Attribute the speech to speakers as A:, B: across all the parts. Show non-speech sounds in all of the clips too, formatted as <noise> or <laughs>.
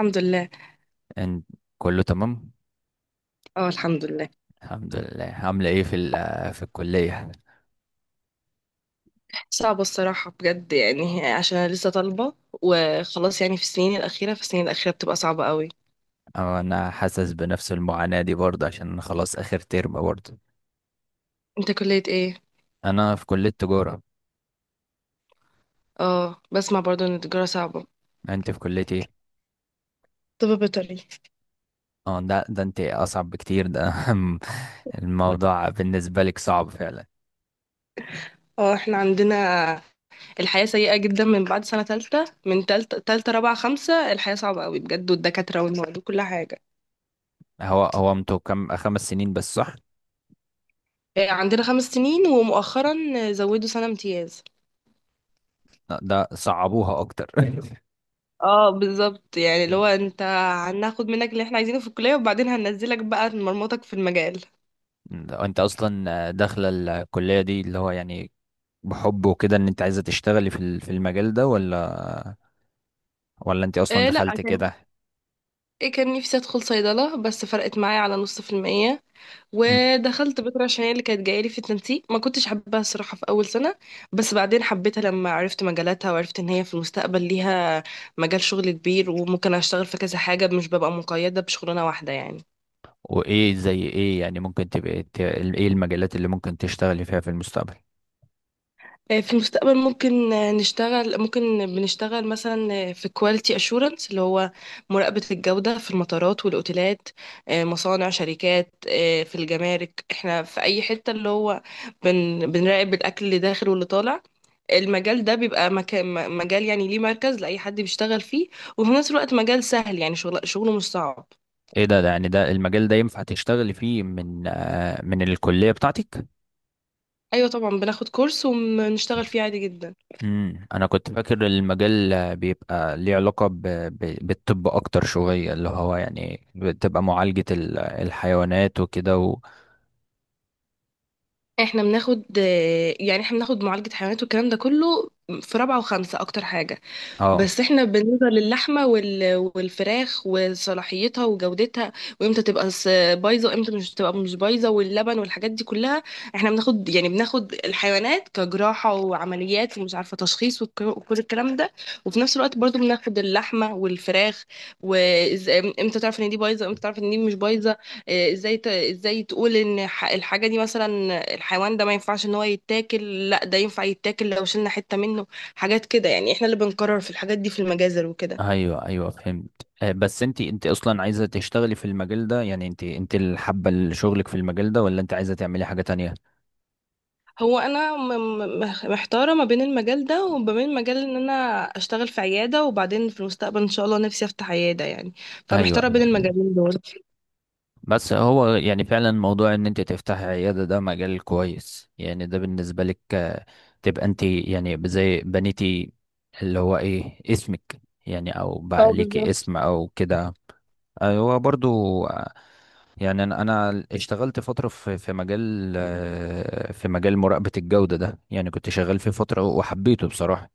A: الحمد لله.
B: ان كله تمام.
A: اه، الحمد لله.
B: الحمد لله، عامله ايه في الكليه؟
A: صعبة الصراحة بجد، يعني عشان أنا لسه طالبة. وخلاص يعني في السنين الأخيرة بتبقى صعبة قوي.
B: أو انا حاسس بنفس المعاناه دي برضه عشان أنا خلاص اخر ترم برضه.
A: انت كلية ايه؟
B: انا في كليه تجاره.
A: اه، بسمع برضو ان التجارة صعبة.
B: انت في كليه ايه؟
A: طب بيطري.
B: اه ده انت اصعب بكتير ده. <laughs> الموضوع بالنسبه لك صعب فعلا.
A: اه احنا عندنا الحياة سيئة جدا من بعد سنة تالتة. من تالتة رابعة خمسة الحياة صعبة قوي بجد، والدكاترة والمواد وكل حاجة.
B: هو هو انتوا كم، 5 سنين بس، صح؟
A: عندنا 5 سنين، ومؤخرا زودوا سنة امتياز.
B: لا، ده صعبوها اكتر. <laughs>
A: اه بالظبط، يعني اللي هو انت هناخد منك اللي احنا عايزينه في الكلية، وبعدين هننزلك بقى مرمطك في المجال.
B: ده انت اصلا داخله الكليه دي، اللي هو يعني بحب وكده، ان انت عايزه تشتغلي في المجال ده، ولا ولا انت اصلا
A: إيه لا
B: دخلت
A: كان
B: كده؟
A: إيه كان نفسي ادخل صيدلة بس فرقت معايا على نص في المية،
B: مم.
A: ودخلت بيطري عشان هي اللي كانت جايلي في التنسيق. ما كنتش حابة الصراحة في أول سنة، بس بعدين حبيتها لما عرفت مجالاتها وعرفت إن هي في المستقبل ليها مجال شغل كبير، وممكن أشتغل في كذا حاجة مش ببقى مقيدة بشغلانة واحدة يعني.
B: وايه زي ايه؟ يعني ممكن تبقى ايه المجالات اللي ممكن تشتغلي فيها في المستقبل؟
A: في المستقبل ممكن بنشتغل مثلا في كواليتي اشورنس، اللي هو مراقبة الجودة في المطارات والاوتيلات، مصانع، شركات، في الجمارك، احنا في اي حتة اللي هو بنراقب الاكل اللي داخل واللي طالع. المجال ده بيبقى مجال، يعني ليه مركز لأي حد بيشتغل فيه، وفي نفس الوقت مجال سهل، يعني شغله مش صعب.
B: ايه ده, ده يعني ده المجال ده ينفع تشتغلي فيه من من الكلية بتاعتك؟
A: ايوه طبعا، بناخد كورس ونشتغل فيه عادي جدا.
B: انا كنت فاكر المجال بيبقى ليه علاقة بالطب اكتر شوية، اللي هو يعني بتبقى معالجة الحيوانات وكده
A: احنا بناخد معالجة حيوانات والكلام ده كله في رابعة وخمسة اكتر حاجة.
B: اه.
A: بس احنا بالنسبة للحمة والفراخ وصلاحيتها وجودتها، وامتى تبقى بايظة، وامتى مش تبقى مش بايظة، واللبن والحاجات دي كلها. احنا بناخد الحيوانات كجراحة وعمليات ومش عارفة تشخيص وكل الكلام ده. وفي نفس الوقت برضو بناخد اللحمة والفراخ، وامتى تعرف ان دي بايظة وامتى تعرف ان دي مش بايظة. اه، ازاي تقول ان الحاجة دي مثلا الحيوان ده ما ينفعش ان هو يتاكل، لا ده ينفع يتاكل لو شلنا حتة منه. حاجات كده، يعني احنا اللي بنقرر في الحاجات دي في المجازر وكده.
B: ايوه ايوه، فهمت. بس انت اصلا عايزه تشتغلي في المجال ده؟ يعني انت اللي حابه شغلك في المجال ده، ولا انت عايزه تعملي حاجه تانية؟
A: هو انا محتاره ما بين المجال ده وما بين مجال ان انا اشتغل في عياده، وبعدين في المستقبل ان شاء الله نفسي افتح عياده يعني.
B: ايوه
A: فمحتاره بين
B: ايوه.
A: المجالين دول.
B: بس هو يعني فعلا موضوع ان انت تفتحي عياده، ده مجال كويس. يعني ده بالنسبه لك تبقى انت يعني زي بنيتي، اللي هو ايه اسمك يعني، او بقى
A: اه
B: ليكي
A: بالظبط.
B: اسم او كده. هو برضو يعني أنا اشتغلت فتره في مجال، في مجال مراقبه الجوده ده، يعني كنت شغال فيه فتره وحبيته بصراحه.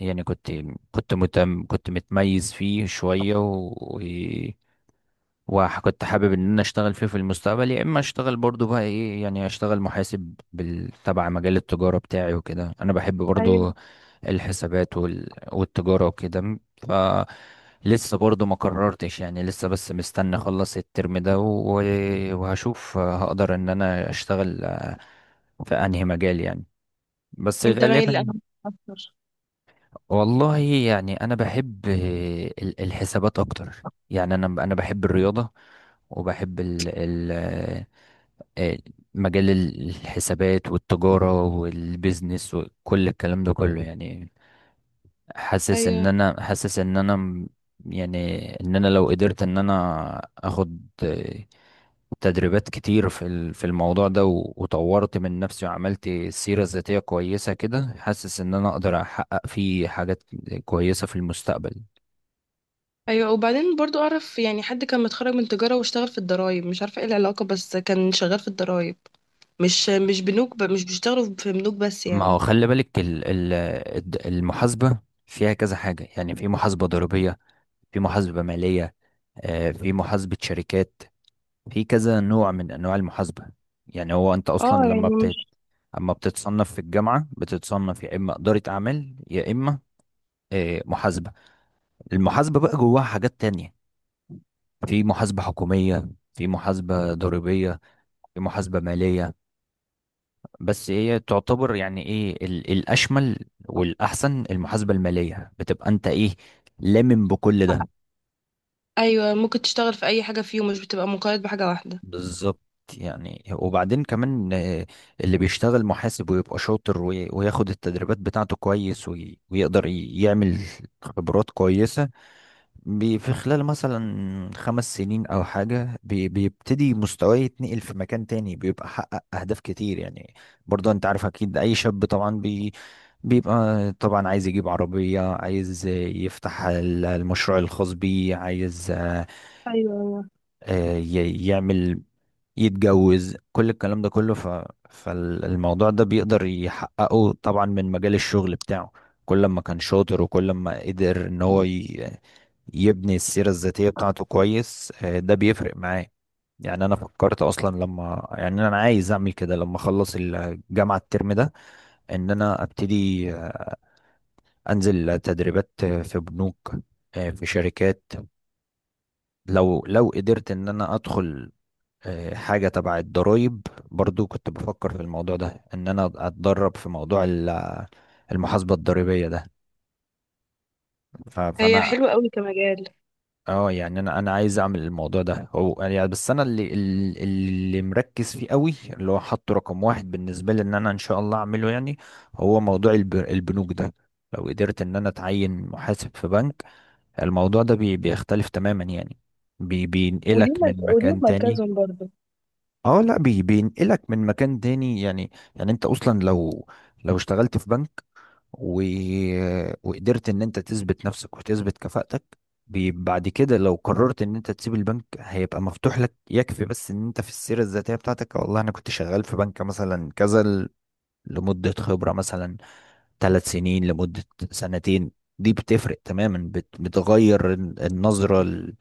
B: يعني كنت، كنت متم كنت متميز فيه شويه وكنت حابب ان انا اشتغل فيه في المستقبل، يا اما اشتغل برضو بقى ايه، يعني اشتغل محاسب تبع مجال التجارة بتاعي وكده، انا بحب
A: ايوه.
B: برضو الحسابات والتجارة وكده. ف لسه برضو ما قررتش، يعني لسه بس مستني اخلص الترم ده وهشوف هقدر ان انا اشتغل في انهي مجال يعني. بس
A: انت مايل
B: غالبا،
A: لأنهي اكتر؟
B: والله يعني انا بحب الحسابات اكتر. يعني انا بحب الرياضه، وبحب ال ال آه، مجال الحسابات والتجاره والبيزنس وكل الكلام ده كله. يعني
A: ايوه،
B: حاسس ان انا يعني ان انا لو قدرت ان انا اخد تدريبات كتير في الموضوع ده، وطورت من نفسي وعملت سيرة ذاتية كويسة كده، حاسس ان انا اقدر احقق فيه حاجات كويسة في المستقبل.
A: ايوه، وبعدين برضو اعرف يعني حد كان متخرج من تجاره واشتغل في الضرايب، مش عارفه ايه العلاقه، بس كان شغال في الضرايب. مش بنوك، مش بيشتغلوا في بنوك بس
B: ما هو
A: يعني.
B: خلي بالك المحاسبة فيها كذا حاجة. يعني في محاسبة ضريبية، في محاسبة مالية، في محاسبة شركات، في كذا نوع من انواع المحاسبة. يعني هو انت اصلا
A: اه يعني
B: لما
A: مش.
B: بت اما بتتصنف في الجامعة، بتتصنف يا اما إدارة اعمال، يا اما محاسبة. المحاسبة بقى جواها حاجات تانية، في محاسبة حكومية، في محاسبة ضريبية، في محاسبة مالية. بس هي تعتبر يعني ايه، الأشمل والأحسن المحاسبة المالية، بتبقى انت ايه، لامم بكل ده.
A: ايوه، ممكن تشتغل في اي حاجه فيهم، مش بتبقى مقيد بحاجه واحده.
B: بالظبط. يعني وبعدين كمان اللي بيشتغل محاسب ويبقى شاطر وياخد التدريبات بتاعته كويس ويقدر يعمل خبرات كويسة، في خلال مثلا 5 سنين او حاجه، بيبتدي مستواه يتنقل في مكان تاني، بيبقى حقق اهداف كتير يعني. برضه انت عارف اكيد اي شاب طبعا بيبقى طبعا عايز يجيب عربيه، عايز يفتح المشروع الخاص بيه، عايز
A: ايوه، ايوه.
B: يعمل يتجوز، كل الكلام ده كله. فالموضوع ده بيقدر يحققه طبعا من مجال الشغل بتاعه. كل ما كان شاطر وكل ما قدر ان هو يبني السيرة الذاتية بتاعته كويس، ده بيفرق معاه. يعني انا فكرت اصلا، لما يعني انا عايز اعمل كده لما اخلص الجامعة الترم ده، ان انا ابتدي انزل تدريبات في بنوك، في شركات. لو قدرت ان انا ادخل حاجة تبع الضرايب، برضو كنت بفكر في الموضوع ده، ان انا اتدرب في موضوع المحاسبة الضريبية ده.
A: هي
B: فانا
A: حلوه قوي كمجال.
B: اه يعني انا عايز اعمل الموضوع ده. هو يعني بس انا اللي مركز فيه قوي، اللي هو حاطه رقم 1 بالنسبه لي، ان انا ان شاء الله اعمله يعني، هو موضوع البنوك ده. لو قدرت ان انا اتعين محاسب في بنك، الموضوع ده بيختلف تماما يعني،
A: وليهم
B: بينقلك من
A: مرك- وليهم
B: مكان تاني.
A: مركزهم برضو.
B: اه لا، بينقلك من مكان تاني. يعني يعني انت اصلا لو، لو اشتغلت في بنك و... وقدرت ان انت تثبت نفسك وتثبت كفاءتك، بعد كده لو قررت ان انت تسيب البنك، هيبقى مفتوح لك. يكفي بس ان انت في السيرة الذاتية بتاعتك، والله انا كنت شغال في بنك مثلا كذا، لمدة خبرة مثلا 3 سنين، لمدة 2 سنين. دي بتفرق تماما، بتغير النظرة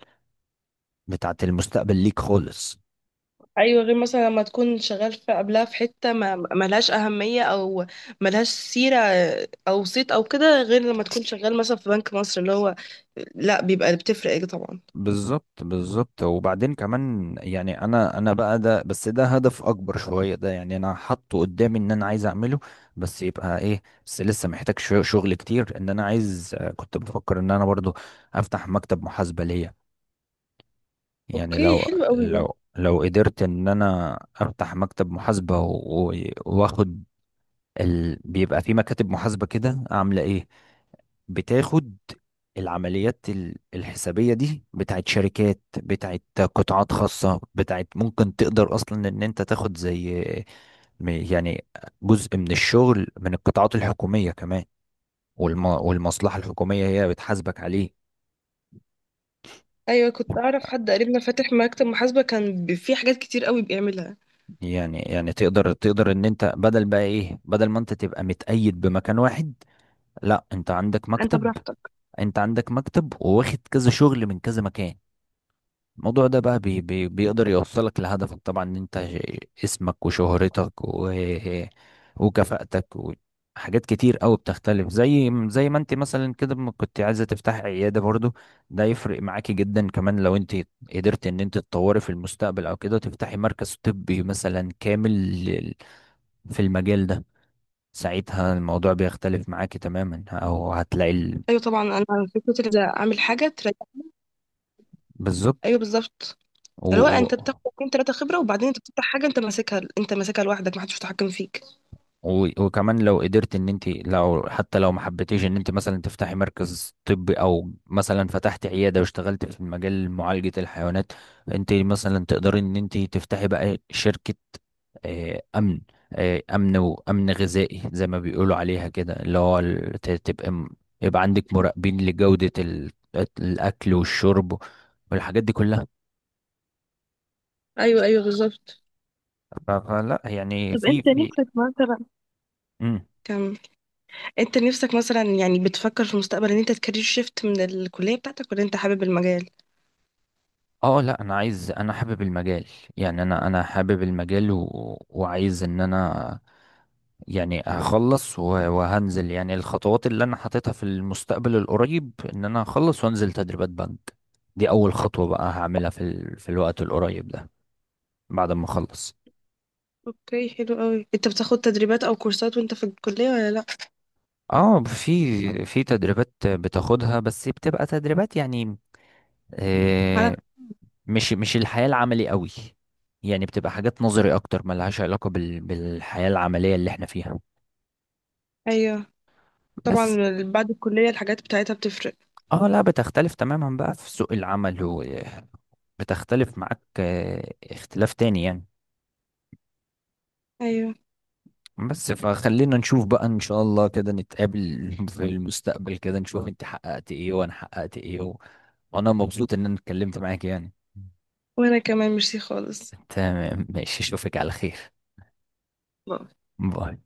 B: بتاعت المستقبل ليك خالص.
A: ايوه، غير مثلا لما تكون شغال في قبلها في حته ما ملهاش اهميه، او ملهاش سيره او صيت او كده، غير لما تكون شغال مثلا في بنك مصر اللي هو لا بيبقى، بتفرق طبعا.
B: بالظبط بالظبط. وبعدين كمان يعني انا بقى ده، بس ده هدف اكبر شويه ده، يعني انا حاطه قدامي ان انا عايز اعمله. بس يبقى ايه، بس لسه محتاج شغل كتير. ان انا عايز، كنت بفكر ان انا برضو افتح مكتب محاسبه ليا. يعني
A: اوكي،
B: لو،
A: حلو قوي ده.
B: لو قدرت ان انا افتح مكتب محاسبه واخد بيبقى في مكاتب محاسبه كده، عامله ايه، بتاخد العمليات الحسابية دي، بتاعت شركات، بتاعت قطاعات خاصة، بتاعت ممكن تقدر أصلا إن أنت تاخد زي يعني جزء من الشغل من القطاعات الحكومية كمان، والمصلحة الحكومية هي بتحاسبك عليه.
A: ايوه، كنت اعرف حد قريبنا فاتح مكتب محاسبه، كان فيه حاجات كتير قوي بيعملها.
B: يعني يعني تقدر ان انت، بدل بقى ايه، بدل ما انت تبقى متقيد بمكان واحد، لا انت عندك
A: انت
B: مكتب.
A: براحتك.
B: انت عندك مكتب وواخد كذا شغل من كذا مكان، الموضوع ده بقى بي بي بيقدر يوصلك لهدفك طبعا. ان انت اسمك وشهرتك وكفاءتك وحاجات كتير قوي بتختلف، زي ما انت مثلا كده ما كنت عايزه تفتحي عياده برضو، ده يفرق معاكي جدا كمان لو انت قدرت ان انت تطوري في المستقبل، او كده تفتحي مركز طبي مثلا كامل في المجال ده، ساعتها الموضوع بيختلف معاكي تماما، او هتلاقي
A: ايوه طبعا، انا فكره إن اعمل حاجه تريح.
B: بالظبط.
A: ايوه بالظبط.
B: و...
A: اللي هو
B: و...
A: انت بتاخد اتنين تلاته خبره، وبعدين انت بتفتح حاجه انت ماسكها، انت ماسكها لوحدك محدش متحكم فيك.
B: وكمان لو قدرت ان انت، لو حتى لو ما حبيتيش ان انت مثلا تفتحي مركز طبي، او مثلا فتحت عياده واشتغلت في مجال معالجه الحيوانات، انت مثلا تقدري ان انت تفتحي بقى شركه امن، امن وامن غذائي زي ما بيقولوا عليها كده، اللي هو تبقى يبقى عندك مراقبين لجوده الاكل والشرب والحاجات دي كلها.
A: ايوه، ايوه، بالظبط.
B: فلا يعني
A: طب
B: في
A: انت
B: في.
A: نفسك مثلا
B: مم.
A: كم، انت نفسك مثلا يعني بتفكر في المستقبل ان انت تكارير شيفت من الكليه بتاعتك، ولا انت حابب المجال؟
B: اه لا، انا عايز، انا حابب المجال. يعني انا حابب المجال وعايز ان انا يعني اخلص وهنزل يعني الخطوات اللي انا حاططها في المستقبل القريب، ان انا اخلص وانزل تدريبات بنك. دي اول خطوة بقى هعملها في الوقت القريب ده، بعد ما اخلص.
A: اوكي، حلو قوي. انت بتاخد تدريبات او كورسات وانت في الكليه ولا لا؟
B: اه، في في تدريبات بتاخدها، بس بتبقى تدريبات يعني
A: على.
B: آه، مش الحياة العملي قوي. يعني بتبقى حاجات نظري اكتر، ملهاش علاقة بالحياة العملية اللي احنا فيها.
A: ايوه طبعا.
B: بس
A: بعد الكليه الحاجات بتاعتها بتفرق.
B: اه لا، بتختلف تماما بقى في سوق العمل، وبتختلف معاك اختلاف تاني يعني.
A: ايوه.
B: بس فخلينا نشوف بقى ان شاء الله، كده نتقابل <laughs> في المستقبل، كده نشوف انت حققت ايه وانا حققت ايه وانا مبسوط ان انا اتكلمت معاك يعني.
A: وانا كمان ميرسي خالص.
B: تمام ماشي، اشوفك على خير. باي.